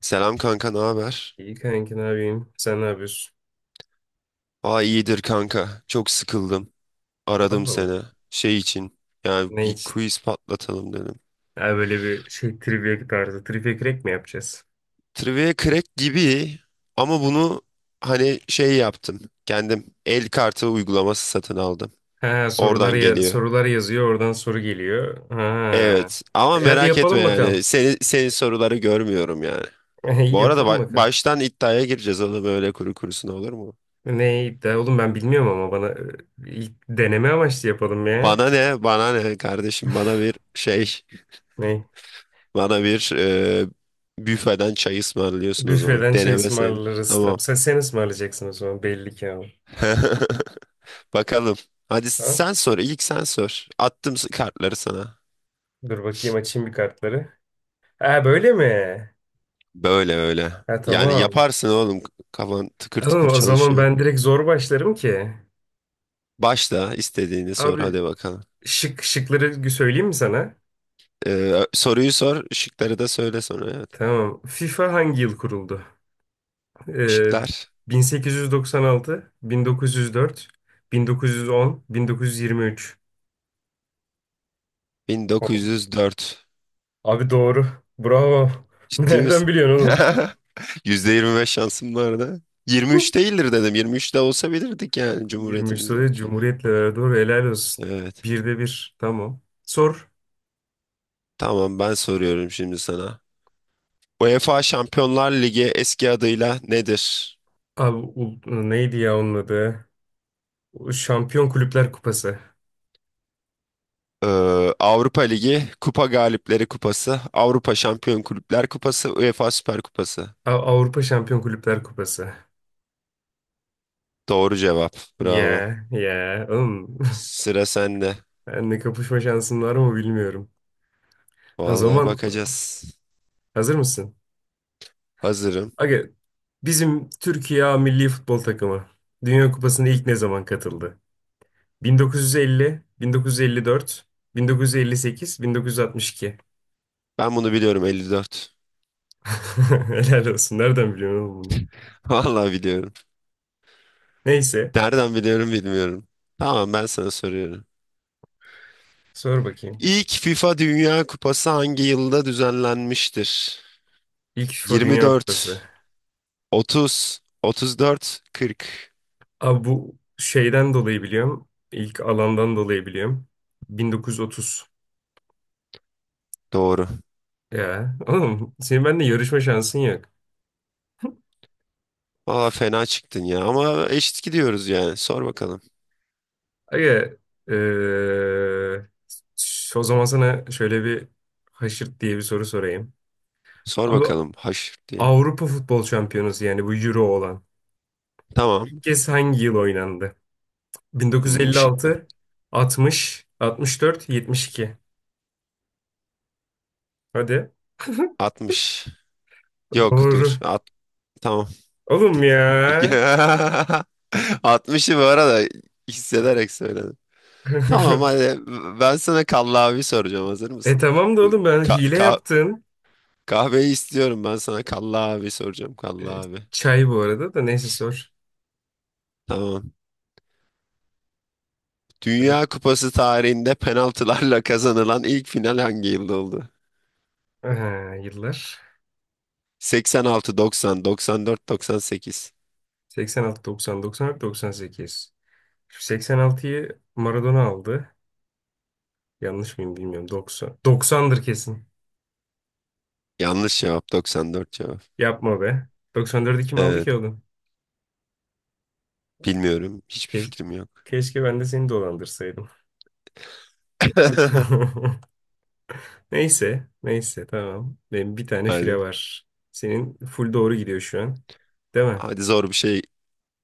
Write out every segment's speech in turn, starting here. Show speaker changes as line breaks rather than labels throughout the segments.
Selam kanka, ne haber?
İyi kanki ne yapayım? Sen ne yapıyorsun?
Aa iyidir kanka. Çok sıkıldım. Aradım
Allah Allah.
seni. Şey için. Yani
Ne
bir
için?
quiz patlatalım dedim.
Ha, böyle bir şey trivia tarzı. Trivia Crack mi yapacağız?
Trivia Crack gibi ama bunu hani şey yaptım. Kendim el kartı uygulaması satın aldım.
Ha
Oradan
sorular ya
geliyor.
sorular yazıyor oradan soru geliyor. Ha.
Evet ama
E, hadi
merak etme
yapalım bakalım.
yani. Senin soruları görmüyorum yani.
İyi
Bu arada
yapalım bakalım.
baştan iddiaya gireceğiz oğlum, öyle kuru kurusuna olur mu?
Ne iddia oğlum ben bilmiyorum ama bana ilk deneme amaçlı yapalım ya.
Bana ne? Bana ne kardeşim? Bana bir şey.
Ne?
Bana bir büfeden çay ısmarlıyorsun o zaman.
Büfeden çay
Deneme sayılır.
ısmarlarız. Tamam.
Tamam.
Sen ısmarlayacaksın o zaman belli ki ama.
Bakalım. Hadi
Ha?
sen sor. İlk sen sor. Attım kartları sana.
Dur bakayım açayım bir kartları. Ha böyle mi?
Böyle öyle.
Ha
Yani
tamam.
yaparsın oğlum. Kafan tıkır tıkır
Tamam, o zaman
çalışıyor.
ben direkt zor başlarım ki.
Başla, istediğini sor
Abi
hadi bakalım.
şıkları söyleyeyim mi sana?
Soruyu sor. Şıkları da söyle sonra. Evet.
Tamam. FIFA hangi yıl kuruldu? Ee,
Şıklar
1896, 1904, 1910, 1923.
bin dokuz
Oo,
yüz dört.
abi doğru. Bravo.
Ciddi
Nereden
misin?
biliyorsun oğlum?
%25 şansım vardı. 23 değildir dedim. 23 de olsa bilirdik yani
23
Cumhuriyetimizin.
soruya Cumhuriyet'le beraber doğru. Helal olsun.
Evet.
Birde bir. Tamam. Sor.
Tamam, ben soruyorum şimdi sana. UEFA Şampiyonlar Ligi eski adıyla nedir?
Abi neydi ya onun adı? Şampiyon Kulüpler Kupası.
Ee, Avrupa Ligi, Kupa Galipleri Kupası, Avrupa Şampiyon Kulüpler Kupası, UEFA Süper Kupası.
Avrupa Şampiyon Kulüpler Kupası.
Doğru cevap. Bravo.
Ya ya oğlum
Sıra sende.
benle kapışma şansın var mı bilmiyorum. O
Vallahi
zaman
bakacağız.
hazır mısın?
Hazırım.
Aga bizim Türkiye A milli futbol takımı Dünya Kupası'na ilk ne zaman katıldı? 1950, 1954, 1958, 1962.
Ben bunu biliyorum, 54.
Helal olsun. Nereden biliyorsun oğlum bunu?
Vallahi biliyorum.
Neyse
Nereden biliyorum bilmiyorum. Tamam, ben sana soruyorum.
sor bakayım.
İlk FIFA Dünya Kupası hangi yılda düzenlenmiştir?
İlk FIFA Dünya
24,
Kupası.
30, 34, 40.
Abi bu şeyden dolayı biliyorum. İlk alandan dolayı biliyorum. 1930.
Doğru.
Ya oğlum senin benimle yarışma şansın yok.
Valla fena çıktın ya, ama eşit gidiyoruz yani. Sor bakalım.
Aga eee, o zaman sana şöyle bir haşırt diye bir soru sorayım.
Sor
Abi
bakalım haş diye.
Avrupa Futbol Şampiyonası yani bu Euro olan ilk
Tamam.
kez hangi yıl oynandı?
Şıklar.
1956, 60, 64, 72. Hadi.
60. Yok
Doğru.
dur. At, tamam.
Oğlum ya.
60'ı bu arada hissederek söyledim. Tamam hadi, ben sana kallavi soracağım. Hazır
E
mısın?
tamam da oğlum ben
Ka-
hile
ka-
yaptın.
kahveyi istiyorum, ben sana kallavi soracağım,
E,
kallavi.
çay bu arada da neyse sor.
Tamam.
Hadi.
Dünya Kupası tarihinde penaltılarla kazanılan ilk final hangi yılda oldu?
Aha, yıllar.
86, 90, 94, 98.
86, 90, 94, 98. Şu 86'yı Maradona aldı. Yanlış mıyım bilmiyorum. 90. 90'dır kesin.
Yanlış cevap, 94 cevap.
Yapma be. 94'ü kim aldı
Evet,
ki oğlum?
bilmiyorum. Hiçbir
Ke-
fikrim yok.
Keşke ben de seni dolandırsaydım. Neyse. Neyse tamam. Benim bir tane fire
Hadi.
var. Senin full doğru gidiyor şu an. Değil mi?
Hadi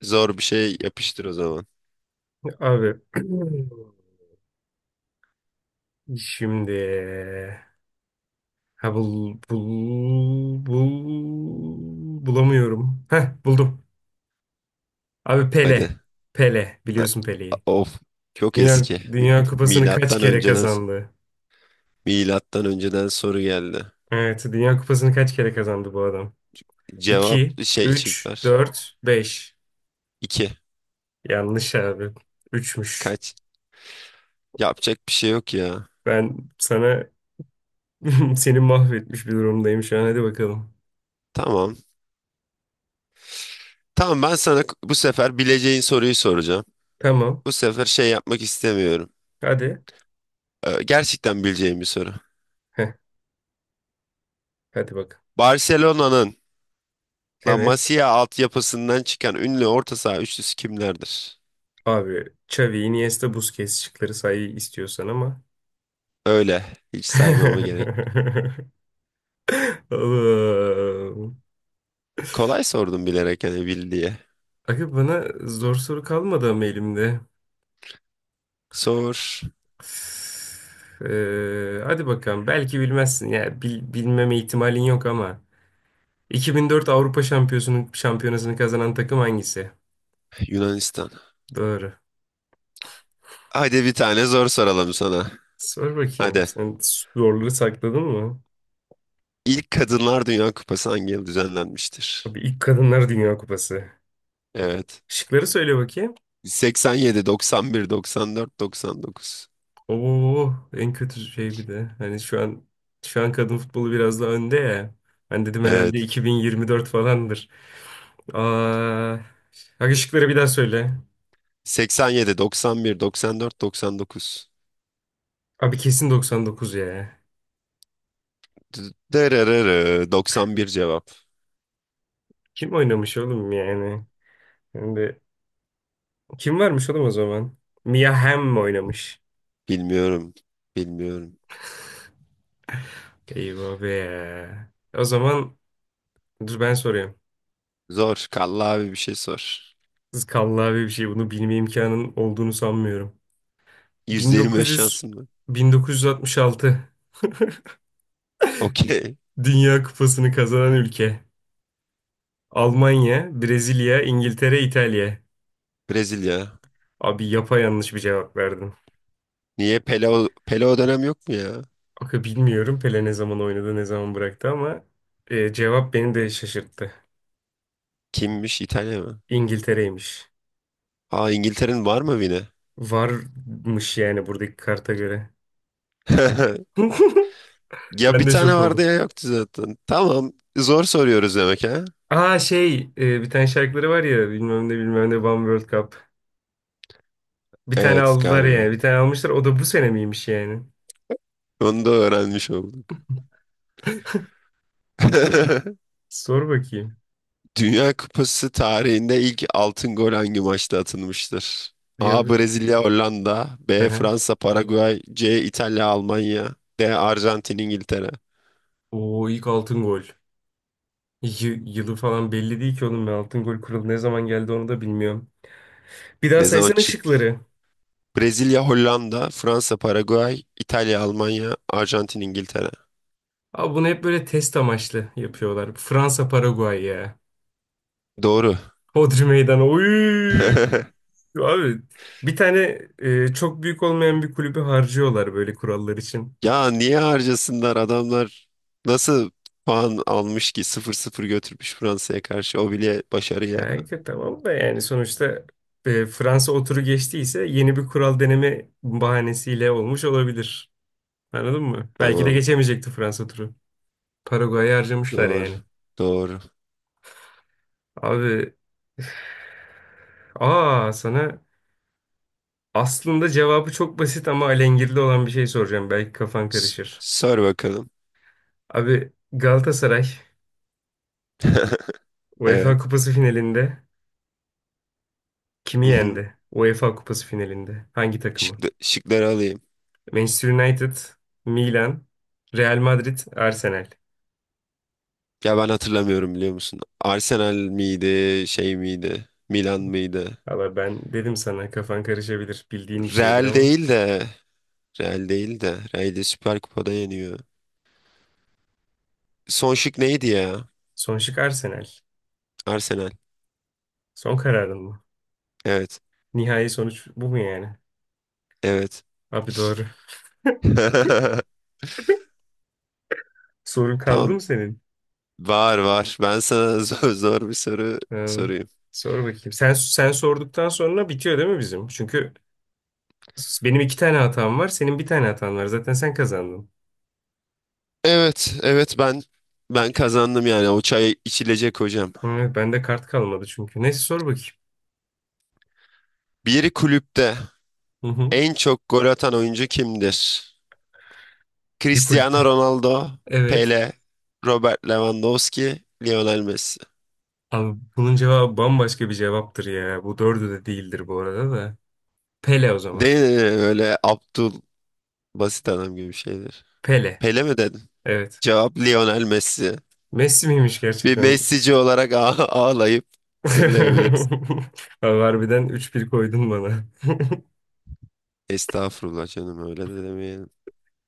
zor bir şey yapıştır o zaman.
Abi. Şimdi. Ha bulamıyorum. Heh buldum. Abi Pele.
Hadi.
Pele.
A-
Biliyorsun Pele'yi.
Of, çok
Dünya,
eski.
Dünya Kupası'nı kaç
Milattan
kere
önceden
kazandı?
milattan önceden soru geldi.
Evet. Dünya Kupası'nı kaç kere kazandı bu adam?
Cevap
2,
şey
3,
çıkar.
4, 5.
2.
Yanlış abi. Üçmüş.
Kaç? Yapacak bir şey yok ya.
Ben sana seni mahvetmiş bir durumdayım şu an. Hadi bakalım.
Tamam. Tamam, ben sana bu sefer bileceğin soruyu soracağım.
Tamam.
Bu sefer şey yapmak istemiyorum.
Hadi.
Gerçekten bileceğim bir soru.
Heh, hadi bak.
Barcelona'nın La
Evet.
Masia altyapısından çıkan ünlü orta saha üçlüsü kimlerdir?
Abi Xavi, Iniesta, Busquets şıkları say istiyorsan ama.
Öyle. Hiç saymama gerek.
Oğlum.
Kolay sordum bilerek, hani bil diye.
Aga bana zor soru kalmadı ama elimde.
Sor.
Hadi bakalım. Belki bilmezsin. Ya bilmeme ihtimalin yok ama. 2004 Avrupa Şampiyonası'nın şampiyonasını kazanan takım hangisi?
Yunanistan.
Doğru.
Hadi bir tane zor soralım sana.
Sor bakayım.
Hadi.
Sen zorları sakladın mı?
İlk Kadınlar Dünya Kupası hangi yıl düzenlenmiştir?
Abi ilk Kadınlar Dünya Kupası.
Evet.
Şıkları söyle bakayım.
87, 91, 94, 99.
Oo, en kötü şey bir de. Hani şu an kadın futbolu biraz daha önde ya. Ben dedim herhalde
Evet.
2024 falandır. Aa, bak ışıkları bir daha söyle.
87, 91, 94, 99.
Abi kesin 99 ya.
Dırırırı, 91 cevap.
Kim oynamış oğlum yani? Hem kim varmış oğlum o zaman? Mia Hamm mi oynamış?
Bilmiyorum. Bilmiyorum.
Eyvah be. O zaman dur ben soruyorum.
Zor. Kalla abi bir şey sor.
Kız kallavi bir şey bunu bilme imkanın olduğunu sanmıyorum.
%25
1900
şansım var.
1966
Okey.
Dünya Kupası'nı kazanan ülke. Almanya, Brezilya, İngiltere, İtalya.
Brezilya.
Abi yanlış bir cevap verdim.
Niye Pele, o Pele o dönem yok mu ya?
Aga bilmiyorum Pele ne zaman oynadı, ne zaman bıraktı ama cevap beni de şaşırttı.
Kimmiş? İtalya mı?
İngiltere'ymiş.
Aa, İngiltere'nin var mı yine?
Varmış yani buradaki karta göre.
Ya
Ben
bir
de
tane
şok
vardı
oldum.
ya yoktu zaten. Tamam. Zor soruyoruz demek ha?
Aa şey bir tane şarkıları var ya bilmem ne bilmem ne One World Cup. Bir tane
Evet
aldılar
galiba.
yani. Bir tane almışlar. O da bu sene miymiş yani?
Onu da öğrenmiş olduk.
Sor bakayım.
Dünya Kupası tarihinde ilk altın gol hangi maçta atılmıştır? A,
Dünya...
Brezilya Hollanda. B,
Aha.
Fransa Paraguay. C, İtalya Almanya. D, Arjantin İngiltere.
Oo ilk altın gol. Yılı falan belli değil ki oğlum ben altın gol kuralı ne zaman geldi onu da bilmiyorum. Bir daha
Ne zaman
saysana
çıktı?
şıkları.
Brezilya Hollanda, Fransa Paraguay, İtalya Almanya, Arjantin İngiltere.
Abi bunu hep böyle test amaçlı yapıyorlar. Fransa Paraguay ya.
Doğru.
Hodri Meydanı. Oy! Abi bir tane çok büyük olmayan bir kulübü harcıyorlar böyle kurallar için.
Ya niye harcasınlar adamlar, nasıl puan almış ki 0-0 götürmüş Fransa'ya karşı, o bile başarı ya.
Yani ki tamam da yani sonuçta Fransa oturu geçtiyse yeni bir kural deneme bahanesiyle olmuş olabilir. Anladın mı? Belki de
Tamam,
geçemeyecekti Fransa turu. Paraguay'ı harcamışlar
doğru
yani.
doğru.
Abi üf. Aa sana aslında cevabı çok basit ama alengirli olan bir şey soracağım. Belki kafan
S-
karışır.
sor bakalım.
Abi Galatasaray UEFA
Evet.
Kupası finalinde kimi
Hı hı.
yendi? UEFA Kupası finalinde hangi takımı?
Şıkları alayım.
Manchester United, Milan, Real Madrid, Arsenal.
Ya ben hatırlamıyorum biliyor musun? Arsenal miydi, şey miydi? Milan mıydı?
Valla ben dedim sana kafan karışabilir. Bildiğin bir şeydir
Real
ama.
değil de, Real değil de. Real'i Süper Kupa'da yeniyor. Son şık neydi ya?
Son şık Arsenal.
Arsenal.
Son kararın mı?
Evet.
Nihai sonuç bu mu yani?
Evet.
Abi doğru. Sorun kaldı
Tamam.
mı senin?
Var var. Ben sana zor bir soru
Ee,
sorayım.
Sor bakayım. Sen sorduktan sonra bitiyor değil mi bizim? Çünkü benim iki tane hatam var, senin bir tane hatan var. Zaten sen kazandın.
Evet, evet ben kazandım yani, o çay içilecek hocam.
Hı, bende kart kalmadı çünkü. Neyse sor bakayım.
Bir kulüpte
Hı hı.
en çok gol atan oyuncu kimdir?
Bir
Cristiano
kulüpte.
Ronaldo,
Evet.
Pele, Robert Lewandowski, Lionel Messi.
Abi bunun cevabı bambaşka bir cevaptır ya. Bu dördü de değildir bu arada da. Pele o zaman.
Değil mi? Böyle Abdul Basit adam gibi bir şeydir.
Pele.
Pele mi dedin?
Evet.
Cevap Lionel Messi.
Messi miymiş
Bir
gerçekten?
Messi'ci olarak ağlayıp zırlayabiliriz.
Abi harbiden üç bir koydun bana.
Estağfurullah canım, öyle de demeyelim.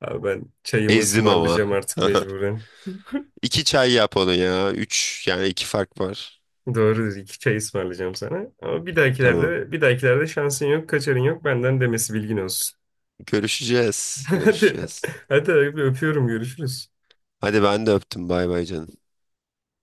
Abi ben çayımı
Ezdim ama.
ısmarlayacağım artık mecburen.
İki çay yap onu ya. Üç, yani iki fark var.
Doğrudur. İki çay ısmarlayacağım sana. Ama bir
Tamam.
dahakilerde, bir dahakilerde şansın yok, kaçarın yok. Benden demesi bilgin olsun.
Görüşeceğiz.
Hadi.
Görüşeceğiz.
Hadi abi, öpüyorum. Görüşürüz.
Hadi ben de öptüm. Bay bay canım.